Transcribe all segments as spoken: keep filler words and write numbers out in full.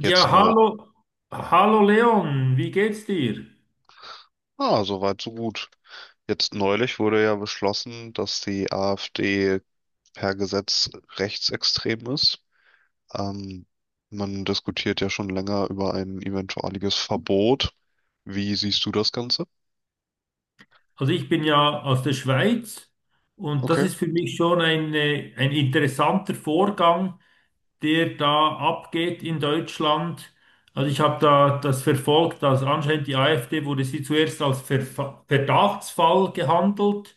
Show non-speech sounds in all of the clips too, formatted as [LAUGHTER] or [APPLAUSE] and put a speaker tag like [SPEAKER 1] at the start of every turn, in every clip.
[SPEAKER 1] Jetzt
[SPEAKER 2] Ja,
[SPEAKER 1] neu.
[SPEAKER 2] hallo, hallo Leon, wie geht's dir?
[SPEAKER 1] Ah, soweit, so gut. Jetzt neulich wurde ja beschlossen, dass die A f D per Gesetz rechtsextrem ist. Ähm, Man diskutiert ja schon länger über ein eventuelles Verbot. Wie siehst du das Ganze?
[SPEAKER 2] Also ich bin ja aus der Schweiz und das
[SPEAKER 1] Okay.
[SPEAKER 2] ist für mich schon ein, äh, ein interessanter Vorgang, der da abgeht in Deutschland. Also ich habe da das verfolgt, dass anscheinend die AfD wurde sie zuerst als Verfa- Verdachtsfall gehandelt.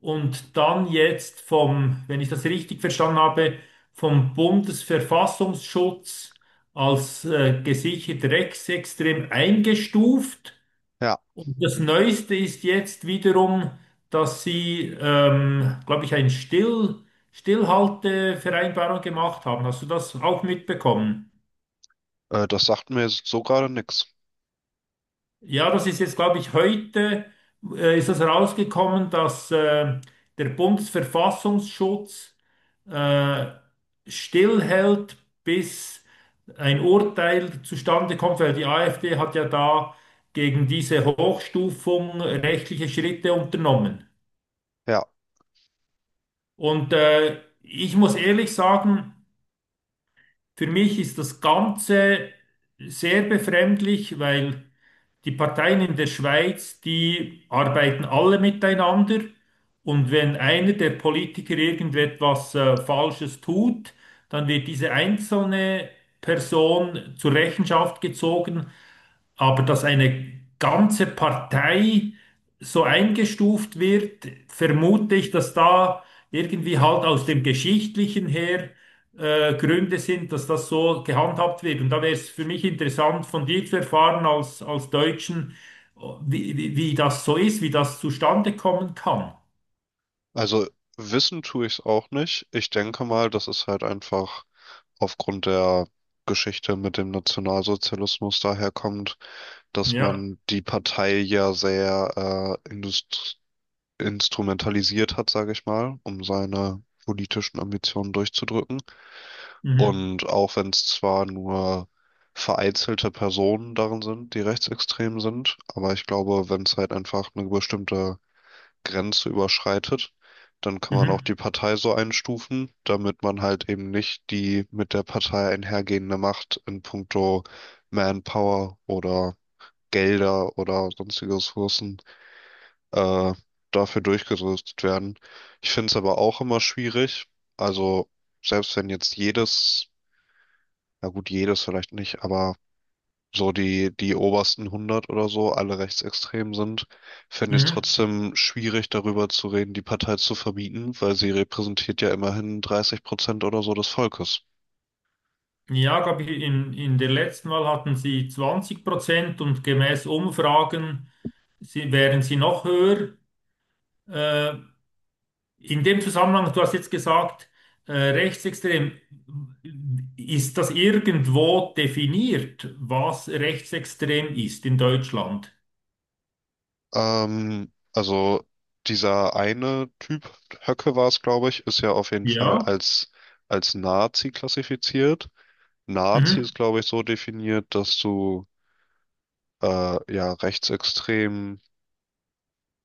[SPEAKER 2] Und dann jetzt vom, wenn ich das richtig verstanden habe, vom Bundesverfassungsschutz als äh, gesichert rechtsextrem eingestuft.
[SPEAKER 1] Ja,
[SPEAKER 2] Und das Neueste ist jetzt wiederum, dass sie, ähm, glaube ich, eine Still, Stillhaltevereinbarung gemacht haben. Hast du das auch mitbekommen?
[SPEAKER 1] äh, das sagt mir jetzt so gerade nichts.
[SPEAKER 2] Ja, das ist jetzt, glaube ich, heute äh, ist das rausgekommen, dass äh, der Bundesverfassungsschutz äh, stillhält, bis ein Urteil zustande kommt, weil die AfD hat ja da gegen diese Hochstufung rechtliche Schritte unternommen.
[SPEAKER 1] Ja.
[SPEAKER 2] Und äh, ich muss ehrlich sagen, für mich ist das Ganze sehr befremdlich, weil die Parteien in der Schweiz, die arbeiten alle miteinander. Und wenn einer der Politiker irgendetwas äh, Falsches tut, dann wird diese einzelne Person zur Rechenschaft gezogen. Aber dass eine ganze Partei so eingestuft wird, vermute ich, dass da irgendwie halt aus dem Geschichtlichen her äh, Gründe sind, dass das so gehandhabt wird. Und da wäre es für mich interessant, von dir zu erfahren als, als Deutschen, wie, wie, wie das so ist, wie das zustande kommen kann.
[SPEAKER 1] Also wissen tue ich es auch nicht. Ich denke mal, das ist halt einfach aufgrund der Geschichte mit dem Nationalsozialismus daherkommt, dass
[SPEAKER 2] Ja.
[SPEAKER 1] man die Partei ja sehr äh, indust- instrumentalisiert hat, sage ich mal, um seine politischen Ambitionen durchzudrücken.
[SPEAKER 2] Mhm.
[SPEAKER 1] Und auch wenn es zwar nur vereinzelte Personen darin sind, die rechtsextrem sind, aber ich glaube, wenn es halt einfach eine bestimmte Grenze überschreitet, dann kann man auch die
[SPEAKER 2] Mhm.
[SPEAKER 1] Partei so einstufen, damit man halt eben nicht die mit der Partei einhergehende Macht in puncto Manpower oder Gelder oder sonstige Ressourcen äh, dafür durchgerüstet werden. Ich finde es aber auch immer schwierig. Also selbst wenn jetzt jedes, na gut, jedes vielleicht nicht, aber so die, die obersten hundert oder so alle rechtsextrem sind, finde ich es
[SPEAKER 2] Mhm.
[SPEAKER 1] trotzdem schwierig, darüber zu reden, die Partei zu verbieten, weil sie repräsentiert ja immerhin dreißig Prozent oder so des Volkes.
[SPEAKER 2] Ja, glaub ich, in, in der letzten Wahl hatten sie zwanzig Prozent und gemäß Umfragen sie, wären sie noch höher. Äh, in dem Zusammenhang, du hast jetzt gesagt, äh, rechtsextrem, ist das irgendwo definiert, was rechtsextrem ist in Deutschland?
[SPEAKER 1] Ähm, also dieser eine Typ, Höcke war es, glaube ich, ist ja auf jeden Fall
[SPEAKER 2] Ja.
[SPEAKER 1] als, als Nazi klassifiziert. Nazi ist,
[SPEAKER 2] Mhm.
[SPEAKER 1] glaube ich, so definiert, dass du äh, ja rechtsextrem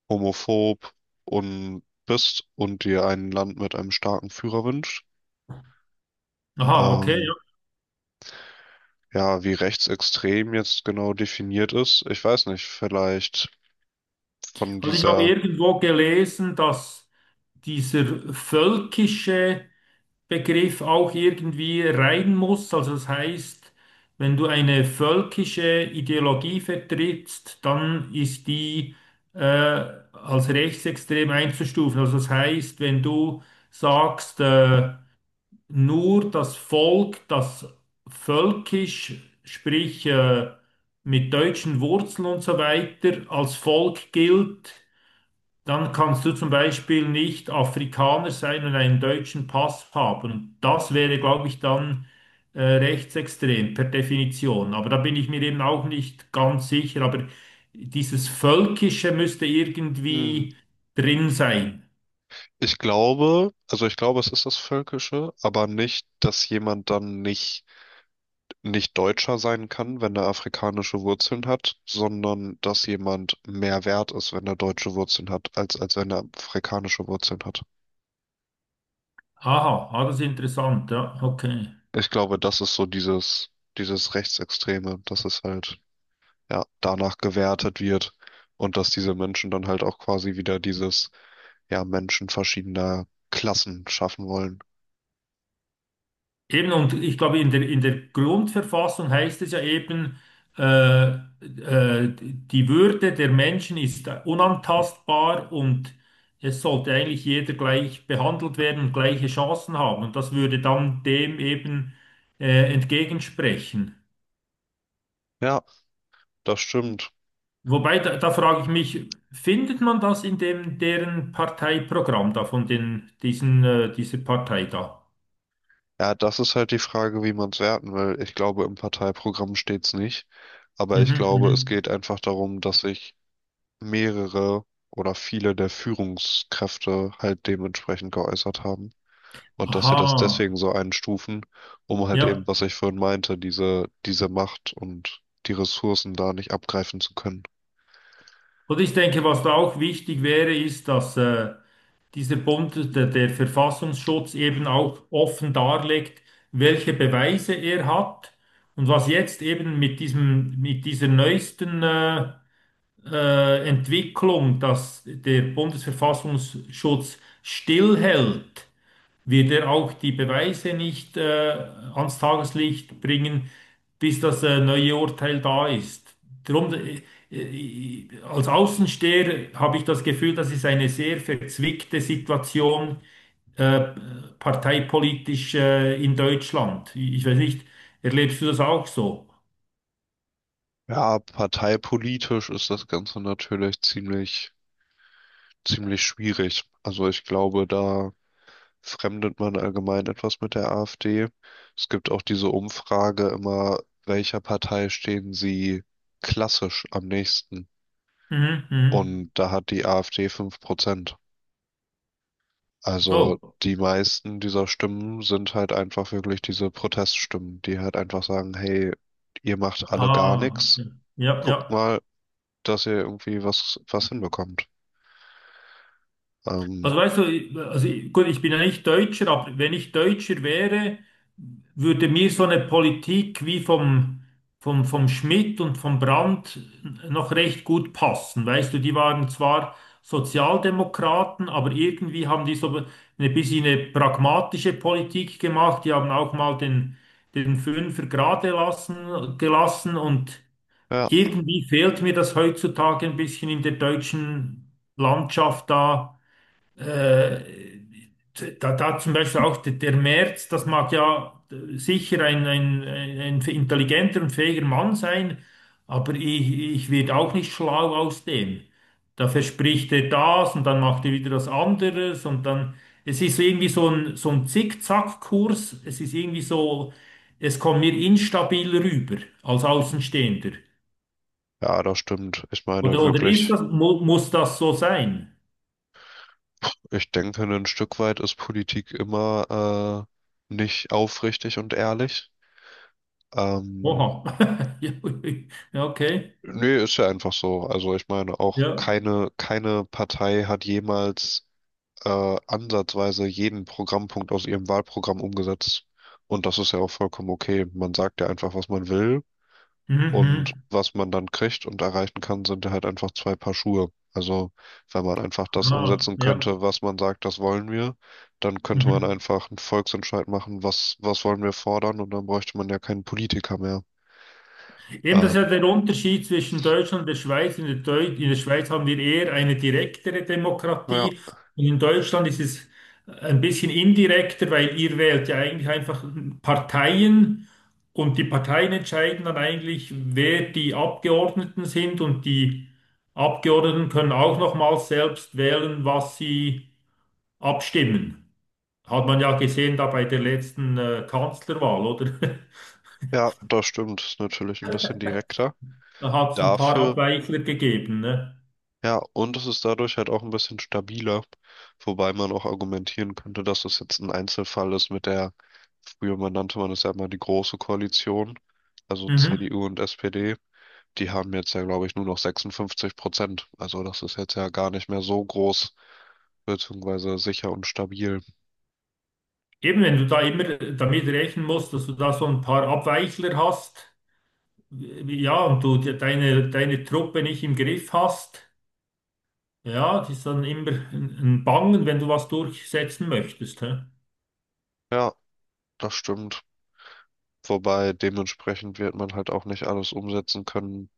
[SPEAKER 1] homophob und bist und dir ein Land mit einem starken Führer wünscht.
[SPEAKER 2] Aha, okay.
[SPEAKER 1] Ähm,
[SPEAKER 2] Ja.
[SPEAKER 1] ja, wie rechtsextrem jetzt genau definiert ist, ich weiß nicht, vielleicht von
[SPEAKER 2] Also ich habe
[SPEAKER 1] dieser,
[SPEAKER 2] irgendwo gelesen, dass dieser völkische Begriff auch irgendwie rein muss. Also das heißt, wenn du eine völkische Ideologie vertrittst, dann ist die äh, als rechtsextrem einzustufen. Also das heißt, wenn du sagst, äh, nur das Volk, das völkisch, sprich äh, mit deutschen Wurzeln und so weiter, als Volk gilt, dann kannst du zum Beispiel nicht Afrikaner sein und einen deutschen Pass haben. Und das wäre, glaube ich, dann äh, rechtsextrem per Definition. Aber da bin ich mir eben auch nicht ganz sicher. Aber dieses Völkische müsste
[SPEAKER 1] hm.
[SPEAKER 2] irgendwie drin sein.
[SPEAKER 1] ich glaube, also ich glaube, es ist das Völkische, aber nicht, dass jemand dann nicht, nicht Deutscher sein kann, wenn er afrikanische Wurzeln hat, sondern dass jemand mehr wert ist, wenn er deutsche Wurzeln hat, als, als wenn er afrikanische Wurzeln hat.
[SPEAKER 2] Aha, ah, das ist interessant. Ja, okay.
[SPEAKER 1] Ich glaube, das ist so dieses, dieses Rechtsextreme, dass es halt, ja, danach gewertet wird und dass diese Menschen dann halt auch quasi wieder dieses, ja, Menschen verschiedener Klassen schaffen wollen.
[SPEAKER 2] Eben, und ich glaube, in der, in der Grundverfassung heißt es ja eben, äh, äh, die Würde der Menschen ist unantastbar und es sollte eigentlich jeder gleich behandelt werden und gleiche Chancen haben. Und das würde dann dem eben äh, entgegensprechen.
[SPEAKER 1] Ja, das stimmt.
[SPEAKER 2] Wobei, da, da frage ich mich, findet man das in dem, deren Parteiprogramm da, von den, diesen, äh, dieser Partei da?
[SPEAKER 1] Ja, das ist halt die Frage, wie man es werten will. Ich glaube, im Parteiprogramm steht es nicht. Aber ich
[SPEAKER 2] Mhm,
[SPEAKER 1] glaube, es
[SPEAKER 2] mhm.
[SPEAKER 1] geht einfach darum, dass sich mehrere oder viele der Führungskräfte halt dementsprechend geäußert haben. Und dass sie das deswegen
[SPEAKER 2] Aha,
[SPEAKER 1] so einstufen, um halt eben,
[SPEAKER 2] ja.
[SPEAKER 1] was ich vorhin meinte, diese, diese Macht und die Ressourcen da nicht abgreifen zu können.
[SPEAKER 2] Und ich denke, was da auch wichtig wäre, ist, dass äh, dieser Bund, der, der Verfassungsschutz, eben auch offen darlegt, welche Beweise er hat und was jetzt eben mit diesem, mit dieser neuesten äh, äh, Entwicklung, dass der Bundesverfassungsschutz stillhält wird er auch die Beweise nicht äh, ans Tageslicht bringen, bis das äh, neue Urteil da ist. Drum, äh, äh, als Außensteher habe ich das Gefühl, das ist eine sehr verzwickte Situation äh, parteipolitisch äh, in Deutschland. Ich weiß nicht, erlebst du das auch so?
[SPEAKER 1] Ja, parteipolitisch ist das Ganze natürlich ziemlich, ziemlich schwierig. Also ich glaube, da fremdet man allgemein etwas mit der A f D. Es gibt auch diese Umfrage immer, welcher Partei stehen sie klassisch am nächsten?
[SPEAKER 2] Mhm, mhm.
[SPEAKER 1] Und da hat die A f D fünf Prozent.
[SPEAKER 2] Oh,
[SPEAKER 1] Also die meisten dieser Stimmen sind halt einfach wirklich diese Proteststimmen, die halt einfach sagen, hey, ihr macht alle gar
[SPEAKER 2] aha.
[SPEAKER 1] nichts,
[SPEAKER 2] Ja,
[SPEAKER 1] guckt
[SPEAKER 2] ja.
[SPEAKER 1] mal, dass ihr irgendwie was, was hinbekommt. Ähm,
[SPEAKER 2] Also weißt du, ich- also ich- gut, ich bin ja nicht Deutscher, aber wenn ich Deutscher wäre, würde mir so eine Politik wie vom, vom, vom Schmidt und vom Brandt noch recht gut passen. Weißt du, die waren zwar Sozialdemokraten, aber irgendwie haben die so ein bisschen eine pragmatische Politik gemacht. Die haben auch mal den, den Fünfer gerade lassen, gelassen und
[SPEAKER 1] ja,
[SPEAKER 2] irgendwie fehlt mir das heutzutage ein bisschen in der deutschen Landschaft da äh, da, da zum Beispiel auch der, der Merz, das mag ja äh, sicher ein, ein, ein ein intelligenter und fähiger Mann sein, aber ich, ich werde auch nicht schlau aus dem. Da verspricht er das und dann macht er wieder was anderes und dann, es ist irgendwie so ein, so ein Zickzackkurs, es ist irgendwie so, es kommt mir instabil rüber als Außenstehender.
[SPEAKER 1] ja, das stimmt. Ich meine
[SPEAKER 2] Oder, oder ist
[SPEAKER 1] wirklich,
[SPEAKER 2] das, mu muss das so sein?
[SPEAKER 1] ich denke, ein Stück weit ist Politik immer äh, nicht aufrichtig und ehrlich. Ähm,
[SPEAKER 2] Oha. [LAUGHS] Ja, okay.
[SPEAKER 1] Nee, ist ja einfach so. Also ich meine auch
[SPEAKER 2] Ja.
[SPEAKER 1] keine, keine Partei hat jemals äh, ansatzweise jeden Programmpunkt aus ihrem Wahlprogramm umgesetzt. Und das ist ja auch vollkommen okay. Man sagt ja einfach, was man will.
[SPEAKER 2] Mhm.
[SPEAKER 1] Und
[SPEAKER 2] Mhm.
[SPEAKER 1] was man dann kriegt und erreichen kann, sind ja halt einfach zwei Paar Schuhe. Also wenn man einfach das
[SPEAKER 2] Ah,
[SPEAKER 1] umsetzen
[SPEAKER 2] ja.
[SPEAKER 1] könnte, was man sagt, das wollen wir, dann könnte man
[SPEAKER 2] Mhm.
[SPEAKER 1] einfach einen Volksentscheid machen, was, was wollen wir fordern, und dann bräuchte man ja keinen Politiker mehr.
[SPEAKER 2] Eben, das
[SPEAKER 1] Äh,
[SPEAKER 2] ist ja der Unterschied zwischen Deutschland und der Schweiz. In der, Deu in der Schweiz haben wir eher eine direktere
[SPEAKER 1] ja,
[SPEAKER 2] Demokratie und in Deutschland ist es ein bisschen indirekter, weil ihr wählt ja eigentlich einfach Parteien und die Parteien entscheiden dann eigentlich, wer die Abgeordneten sind und die Abgeordneten können auch nochmals selbst wählen, was sie abstimmen. Hat man ja gesehen da bei der letzten äh, Kanzlerwahl, oder? [LAUGHS]
[SPEAKER 1] ja, das stimmt. Ist natürlich ein bisschen direkter.
[SPEAKER 2] Da hat es ein paar
[SPEAKER 1] Dafür
[SPEAKER 2] Abweichler gegeben, ne?
[SPEAKER 1] ja, und es ist dadurch halt auch ein bisschen stabiler, wobei man auch argumentieren könnte, dass es jetzt ein Einzelfall ist mit der, früher man nannte man es ja immer die Große Koalition, also
[SPEAKER 2] Mhm.
[SPEAKER 1] C D U und S P D, die haben jetzt ja, glaube ich, nur noch sechsundfünfzig Prozent. Also das ist jetzt ja gar nicht mehr so groß, beziehungsweise sicher und stabil.
[SPEAKER 2] Eben, wenn du da immer damit rechnen musst, dass du da so ein paar Abweichler hast, wie- ja, und du de- deine, deine Truppe nicht im Griff hast, ja, das ist dann immer ein ein Bangen, wenn du was durchsetzen möchtest, hä?
[SPEAKER 1] Ja, das stimmt. Wobei dementsprechend wird man halt auch nicht alles umsetzen können,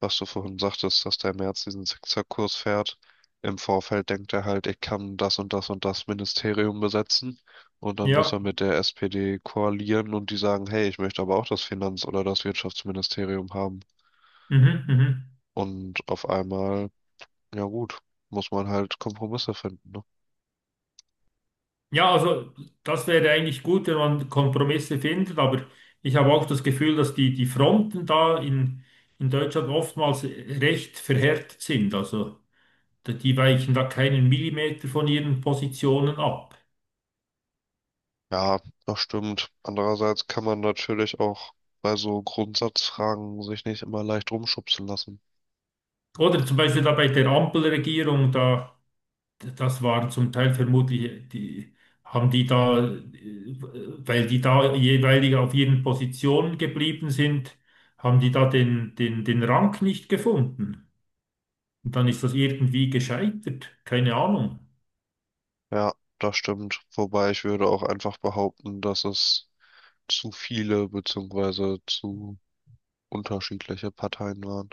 [SPEAKER 1] was du vorhin sagtest, dass der Merz diesen Zickzackkurs fährt. Im Vorfeld denkt er halt, ich kann das und das und das Ministerium besetzen. Und dann muss
[SPEAKER 2] Ja,
[SPEAKER 1] er mit der S P D koalieren und die sagen, hey, ich möchte aber auch das Finanz- oder das Wirtschaftsministerium haben.
[SPEAKER 2] mhm, mhm.
[SPEAKER 1] Und auf einmal, ja gut, muss man halt Kompromisse finden, ne?
[SPEAKER 2] Ja, also das wäre eigentlich gut, wenn man Kompromisse findet, aber ich habe auch das Gefühl, dass die, die Fronten da in, in Deutschland oftmals recht verhärtet sind, also. Die weichen da keinen Millimeter von ihren Positionen ab.
[SPEAKER 1] Ja, das stimmt. Andererseits kann man natürlich auch bei so Grundsatzfragen sich nicht immer leicht rumschubsen lassen.
[SPEAKER 2] Oder zum Beispiel da bei der Ampelregierung, da, das waren zum Teil vermutlich, die haben die da, äh, weil die da jeweilig auf ihren Positionen geblieben sind, haben die da den, den, den Rang nicht gefunden. Und dann ist das irgendwie gescheitert. Keine Ahnung.
[SPEAKER 1] Ja, das stimmt. Wobei ich würde auch einfach behaupten, dass es zu viele beziehungsweise zu unterschiedliche Parteien waren.